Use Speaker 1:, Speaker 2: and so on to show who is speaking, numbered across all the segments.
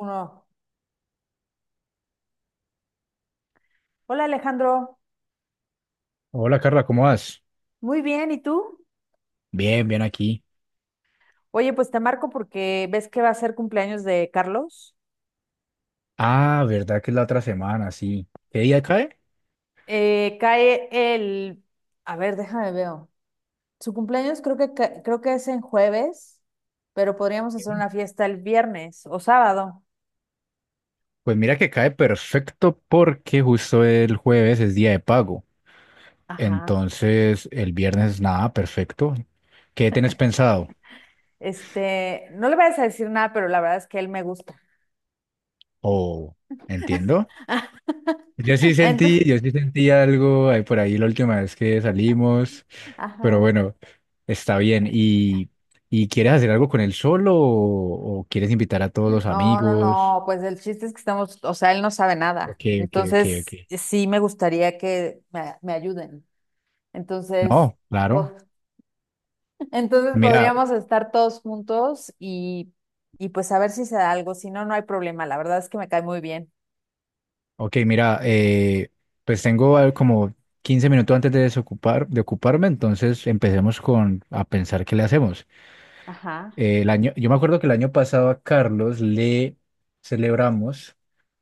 Speaker 1: Uno. Hola Alejandro,
Speaker 2: Hola Carla, ¿cómo vas?
Speaker 1: muy bien, ¿y tú?
Speaker 2: Bien, bien aquí.
Speaker 1: Oye, pues te marco porque ves que va a ser cumpleaños de Carlos.
Speaker 2: Ah, verdad que es la otra semana, sí. ¿Qué día cae?
Speaker 1: Cae el, a ver, déjame veo. Su cumpleaños creo que creo que es en jueves, pero podríamos hacer
Speaker 2: Ok.
Speaker 1: una fiesta el viernes o sábado.
Speaker 2: Pues mira que cae perfecto porque justo el jueves es día de pago.
Speaker 1: Ajá.
Speaker 2: Entonces el viernes nada, perfecto. ¿Qué tenés pensado?
Speaker 1: Este, no le vayas a decir nada, pero la verdad es que él me gusta.
Speaker 2: Oh, entiendo. Yo sí
Speaker 1: Entonces,
Speaker 2: sentí, yo sí sentí algo ahí por ahí la última vez que salimos, pero
Speaker 1: ajá.
Speaker 2: bueno, está bien. ¿Y quieres hacer algo con él solo o quieres invitar a todos los
Speaker 1: No, no,
Speaker 2: amigos?
Speaker 1: no, pues el chiste es que estamos, o sea, él no sabe nada.
Speaker 2: Ok, ok, ok, ok.
Speaker 1: Entonces, sí me gustaría que me ayuden. Entonces,
Speaker 2: No, claro.
Speaker 1: bo- entonces
Speaker 2: Mira,
Speaker 1: podríamos estar todos juntos y pues a ver si se da algo. Si no, no hay problema. La verdad es que me cae muy bien.
Speaker 2: ok, mira, pues tengo como 15 minutos antes de desocupar, de ocuparme, entonces empecemos con a pensar qué le hacemos.
Speaker 1: Ajá,
Speaker 2: Yo me acuerdo que el año pasado a Carlos le celebramos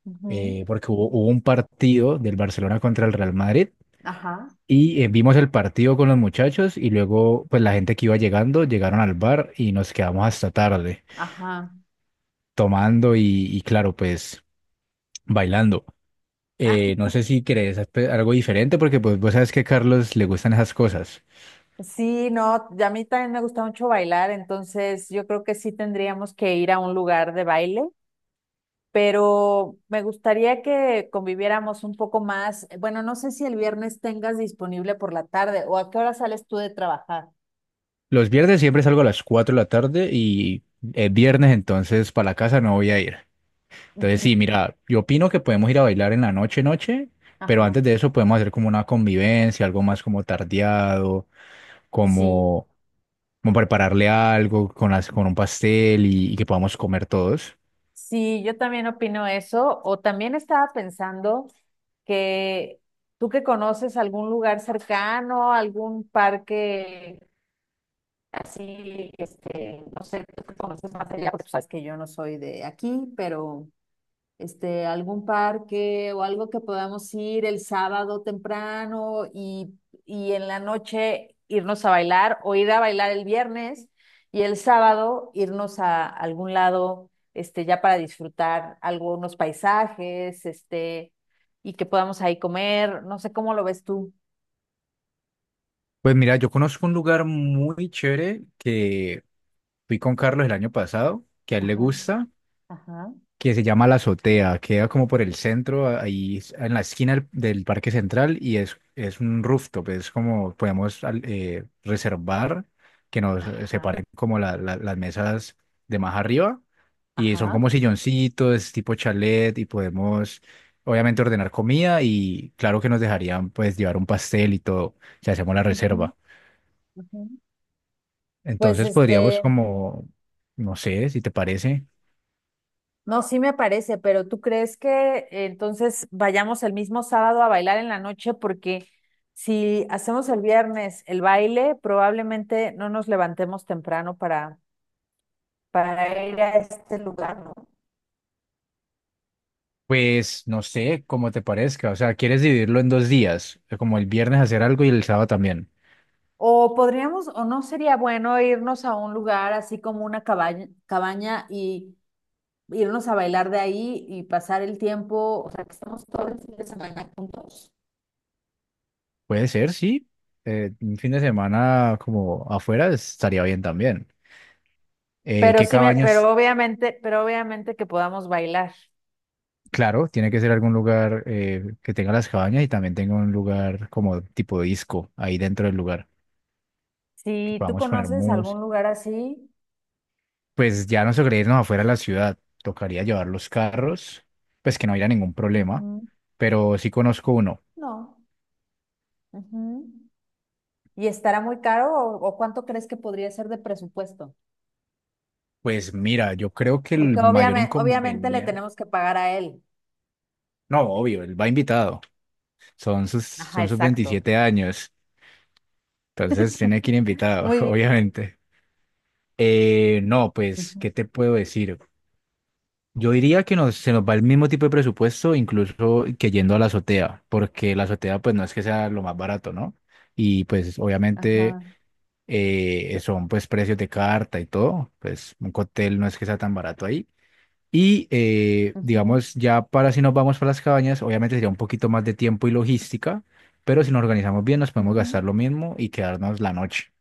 Speaker 1: ujú,
Speaker 2: porque hubo un partido del Barcelona contra el Real Madrid
Speaker 1: ajá,
Speaker 2: y vimos el partido con los muchachos y luego pues la gente que iba llegando llegaron al bar y nos quedamos hasta tarde
Speaker 1: ajá.
Speaker 2: tomando y claro, pues bailando. Eh, no sé si querés hacer algo diferente porque pues vos sabes que a Carlos le gustan esas cosas.
Speaker 1: Sí, no, y a mí también me gusta mucho bailar, entonces yo creo que sí tendríamos que ir a un lugar de baile, pero me gustaría que conviviéramos un poco más. Bueno, no sé si el viernes tengas disponible por la tarde o a qué hora sales tú de trabajar.
Speaker 2: Los viernes siempre salgo a las 4 de la tarde y es viernes, entonces para la casa no voy a ir. Entonces
Speaker 1: Ujú,
Speaker 2: sí, mira, yo opino que podemos ir a bailar en la noche, noche, pero antes
Speaker 1: ajá.
Speaker 2: de eso podemos hacer como una convivencia, algo más como tardeado,
Speaker 1: Sí,
Speaker 2: como, como prepararle algo con un pastel y que podamos comer todos.
Speaker 1: sí, yo también opino eso. O también estaba pensando que tú que conoces algún lugar cercano, algún parque así, este, no sé, tú que conoces más allá, porque sabes que yo no soy de aquí, pero este, algún parque o algo que podamos ir el sábado temprano, y en la noche irnos a bailar o ir a bailar el viernes y el sábado irnos a algún lado, este, ya para disfrutar algunos paisajes, este, y que podamos ahí comer, no sé cómo lo ves tú.
Speaker 2: Pues mira, yo conozco un lugar muy chévere que fui con Carlos el año pasado, que a él le
Speaker 1: Ajá,
Speaker 2: gusta.
Speaker 1: ajá,
Speaker 2: Que se llama La Azotea, queda como por el centro, ahí en la esquina del Parque Central y es un rooftop, es como podemos reservar que nos
Speaker 1: ajá,
Speaker 2: separen como las mesas de más arriba y son
Speaker 1: ajá.
Speaker 2: como silloncitos, tipo chalet y podemos obviamente ordenar comida y claro que nos dejarían pues llevar un pastel y todo si hacemos la
Speaker 1: Ujú,
Speaker 2: reserva.
Speaker 1: ujú. Pues
Speaker 2: Entonces podríamos
Speaker 1: este,
Speaker 2: como, no sé, si te parece.
Speaker 1: no, sí me parece, pero ¿tú crees que entonces vayamos el mismo sábado a bailar en la noche? Porque si hacemos el viernes el baile, probablemente no nos levantemos temprano para ir a este lugar, ¿no?
Speaker 2: Pues no sé cómo te parezca, o sea, ¿quieres dividirlo en 2 días? Como el viernes hacer algo y el sábado también.
Speaker 1: O podríamos, o no sería bueno irnos a un lugar así como una cabaña y irnos a bailar de ahí y pasar el tiempo, o sea, que estemos todo el fin de semana juntos.
Speaker 2: Puede ser, sí. Un fin de semana como afuera estaría bien también. Eh,
Speaker 1: Pero
Speaker 2: ¿qué
Speaker 1: sí me,
Speaker 2: cabañas?
Speaker 1: pero obviamente, pero obviamente que podamos bailar.
Speaker 2: Claro, tiene que ser algún lugar que tenga las cabañas y también tenga un lugar como tipo disco ahí dentro del lugar, que
Speaker 1: Si tú
Speaker 2: podamos poner
Speaker 1: conoces algún
Speaker 2: música.
Speaker 1: lugar así,
Speaker 2: Pues ya no tocaría irnos afuera de la ciudad, tocaría llevar los carros, pues que no haya ningún problema,
Speaker 1: ujú,
Speaker 2: pero sí conozco uno.
Speaker 1: no. Ujú. ¿Y estará muy caro o cuánto crees que podría ser de presupuesto?
Speaker 2: Pues mira, yo creo que
Speaker 1: Porque
Speaker 2: el mayor
Speaker 1: obviamente le
Speaker 2: inconveniente,
Speaker 1: tenemos que pagar a él.
Speaker 2: no, obvio, él va invitado, son sus,
Speaker 1: Ajá,
Speaker 2: son sus
Speaker 1: exacto.
Speaker 2: 27 años, entonces tiene que ir invitado,
Speaker 1: Muy bien.
Speaker 2: obviamente. No, pues,
Speaker 1: Ujú,
Speaker 2: ¿qué te puedo decir? Yo diría que se nos va el mismo tipo de presupuesto, incluso que yendo a la azotea, porque la azotea pues no es que sea lo más barato, ¿no? Y pues obviamente
Speaker 1: ajá.
Speaker 2: son pues precios de carta y todo, pues un cóctel no es que sea tan barato ahí. Y
Speaker 1: Ujú,
Speaker 2: digamos, ya para si nos vamos para las cabañas, obviamente sería un poquito más de tiempo y logística, pero si nos organizamos bien nos podemos
Speaker 1: ujú.
Speaker 2: gastar lo mismo y quedarnos la noche.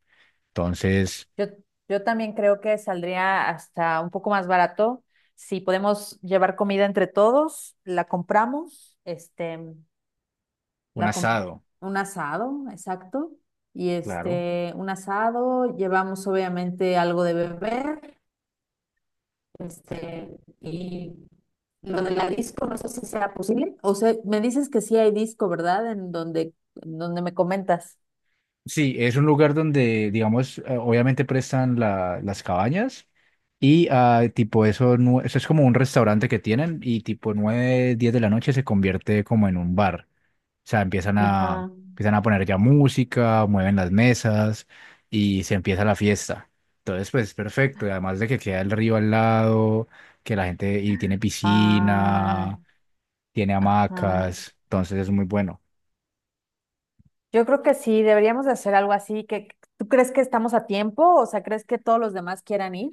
Speaker 2: Entonces,
Speaker 1: Yo, yo también creo que saldría hasta un poco más barato. Si podemos llevar comida entre todos, la compramos. Este,
Speaker 2: un
Speaker 1: La, com-
Speaker 2: asado,
Speaker 1: un asado, exacto. Y
Speaker 2: claro.
Speaker 1: este, un asado, llevamos obviamente algo de beber, este, y lo de la disco, no sé si sea posible. O sea, me dices que sí hay disco, ¿verdad? En donde me comentas.
Speaker 2: Sí, es un lugar donde, digamos, obviamente prestan las cabañas y tipo eso, eso es como un restaurante que tienen y tipo 9 10 de la noche se convierte como en un bar. O sea, empiezan a,
Speaker 1: Ajá.
Speaker 2: empiezan a poner ya música, mueven las mesas y se empieza la fiesta. Entonces, pues perfecto. Y además de que queda el río al lado, que la gente y tiene
Speaker 1: Ah,
Speaker 2: piscina, tiene
Speaker 1: ajá.
Speaker 2: hamacas, entonces es muy bueno.
Speaker 1: Yo creo que sí, deberíamos de hacer algo así. Que, ¿tú crees que estamos a tiempo? O sea, ¿crees que todos los demás quieran ir?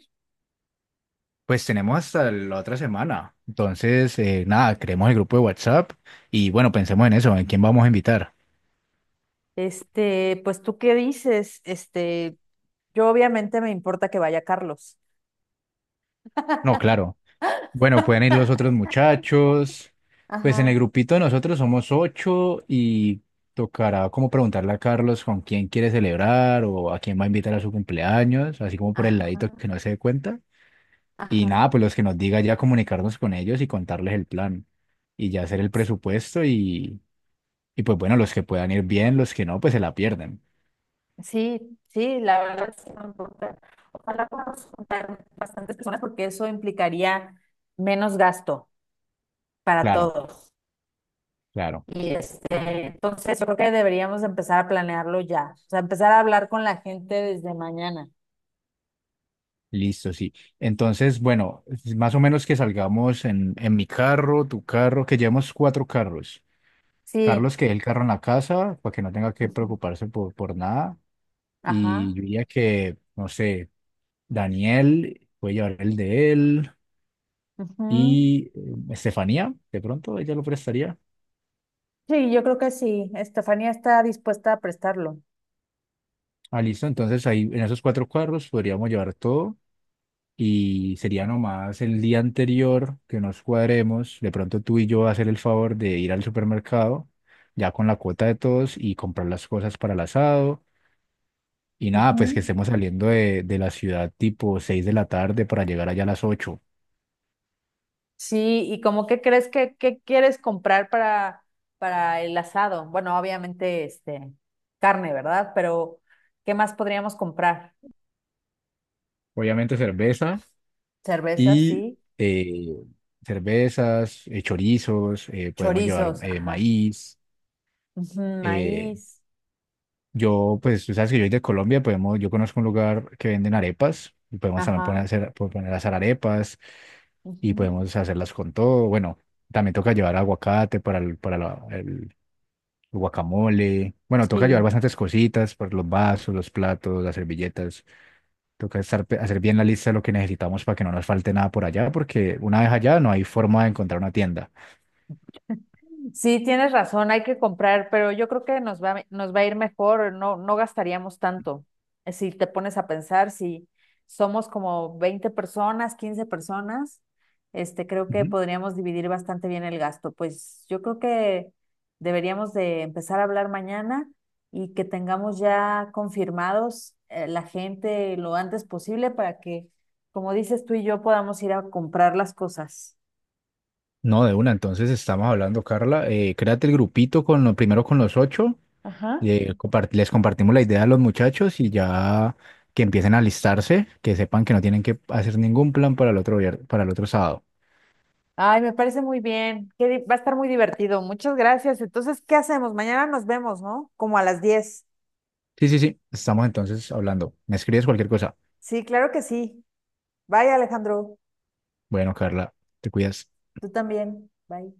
Speaker 2: Pues tenemos hasta la otra semana. Entonces, nada, creemos el grupo de WhatsApp y bueno, pensemos en eso, en quién vamos a invitar.
Speaker 1: Este, pues tú qué dices, este, yo obviamente me importa que vaya Carlos.
Speaker 2: No, claro. Bueno, pueden ir los otros muchachos. Pues en el
Speaker 1: Ajá,
Speaker 2: grupito nosotros somos ocho y tocará como preguntarle a Carlos con quién quiere celebrar o a quién va a invitar a su cumpleaños, así como por el ladito
Speaker 1: ajá,
Speaker 2: que no se dé cuenta. Y nada,
Speaker 1: ajá.
Speaker 2: pues los que nos diga ya comunicarnos con ellos y contarles el plan y ya hacer el presupuesto y pues bueno, los que puedan ir bien, los que no, pues se la pierden.
Speaker 1: Sí, sí, la verdad sí me importa. Ojalá podamos juntar bastantes personas porque eso implicaría menos gasto para
Speaker 2: Claro,
Speaker 1: todos.
Speaker 2: claro.
Speaker 1: Y este, entonces yo creo que deberíamos empezar a planearlo ya. O sea, empezar a hablar con la gente desde mañana.
Speaker 2: Listo, sí. Entonces, bueno, más o menos que salgamos en mi carro, tu carro, que llevemos cuatro carros.
Speaker 1: Sí,
Speaker 2: Carlos que deje el carro en la casa para que no tenga que
Speaker 1: ujú,
Speaker 2: preocuparse por nada. Y
Speaker 1: ajá,
Speaker 2: yo diría que, no sé, Daniel puede llevar el de él
Speaker 1: ujú.
Speaker 2: y Estefanía, de pronto ella lo prestaría.
Speaker 1: Sí, yo creo que sí. Estefanía está dispuesta a prestarlo.
Speaker 2: Ah, listo. Entonces ahí en esos cuatro carros podríamos llevar todo y sería nomás el día anterior que nos cuadremos. De pronto tú y yo hacer el favor de ir al supermercado ya con la cuota de todos y comprar las cosas para el asado. Y nada, pues
Speaker 1: Ujú.
Speaker 2: que estemos saliendo de la ciudad tipo 6 de la tarde para llegar allá a las 8.
Speaker 1: Sí, y como qué crees que qué quieres comprar para el asado? Bueno, obviamente este carne, ¿verdad? Pero ¿qué más podríamos comprar?
Speaker 2: Obviamente cerveza
Speaker 1: Cervezas,
Speaker 2: y
Speaker 1: sí,
Speaker 2: eh, cervezas, chorizos, podemos llevar
Speaker 1: chorizos, ajá.
Speaker 2: maíz.
Speaker 1: Ujú,
Speaker 2: eh,
Speaker 1: maíz,
Speaker 2: yo, pues tú sabes que yo soy de Colombia, podemos, yo conozco un lugar que venden arepas y podemos también
Speaker 1: ajá.
Speaker 2: poner a hacer arepas y
Speaker 1: Ujú,
Speaker 2: podemos hacerlas con todo. Bueno, también toca llevar aguacate para el guacamole. Bueno, toca llevar
Speaker 1: sí.
Speaker 2: bastantes cositas, por los vasos, los platos, las servilletas. Toca hacer bien la lista de lo que necesitamos para que no nos falte nada por allá, porque una vez allá no hay forma de encontrar una tienda.
Speaker 1: Sí, tienes razón, hay que comprar, pero yo creo que nos va a ir mejor, no, no gastaríamos tanto. Si te pones a pensar, si somos como 20 personas, 15 personas, este, creo que
Speaker 2: Ujú.
Speaker 1: podríamos dividir bastante bien el gasto. Pues yo creo que deberíamos de empezar a hablar mañana y que tengamos ya confirmados la gente lo antes posible para que, como dices tú y yo, podamos ir a comprar las cosas.
Speaker 2: No, de una, entonces estamos hablando, Carla. Créate el grupito primero con los ocho.
Speaker 1: Ajá.
Speaker 2: Les compartimos la idea a los muchachos y ya que empiecen a listarse, que sepan que no tienen que hacer ningún plan para el otro sábado.
Speaker 1: Ay, me parece muy bien. Qué va a estar muy divertido. Muchas gracias. Entonces, ¿qué hacemos? Mañana nos vemos, ¿no? Como a las 10.
Speaker 2: Sí, sí, sí, estamos entonces hablando. ¿Me escribes cualquier cosa?
Speaker 1: Sí, claro que sí. Bye, Alejandro.
Speaker 2: Bueno, Carla, te cuidas.
Speaker 1: Tú también. Bye.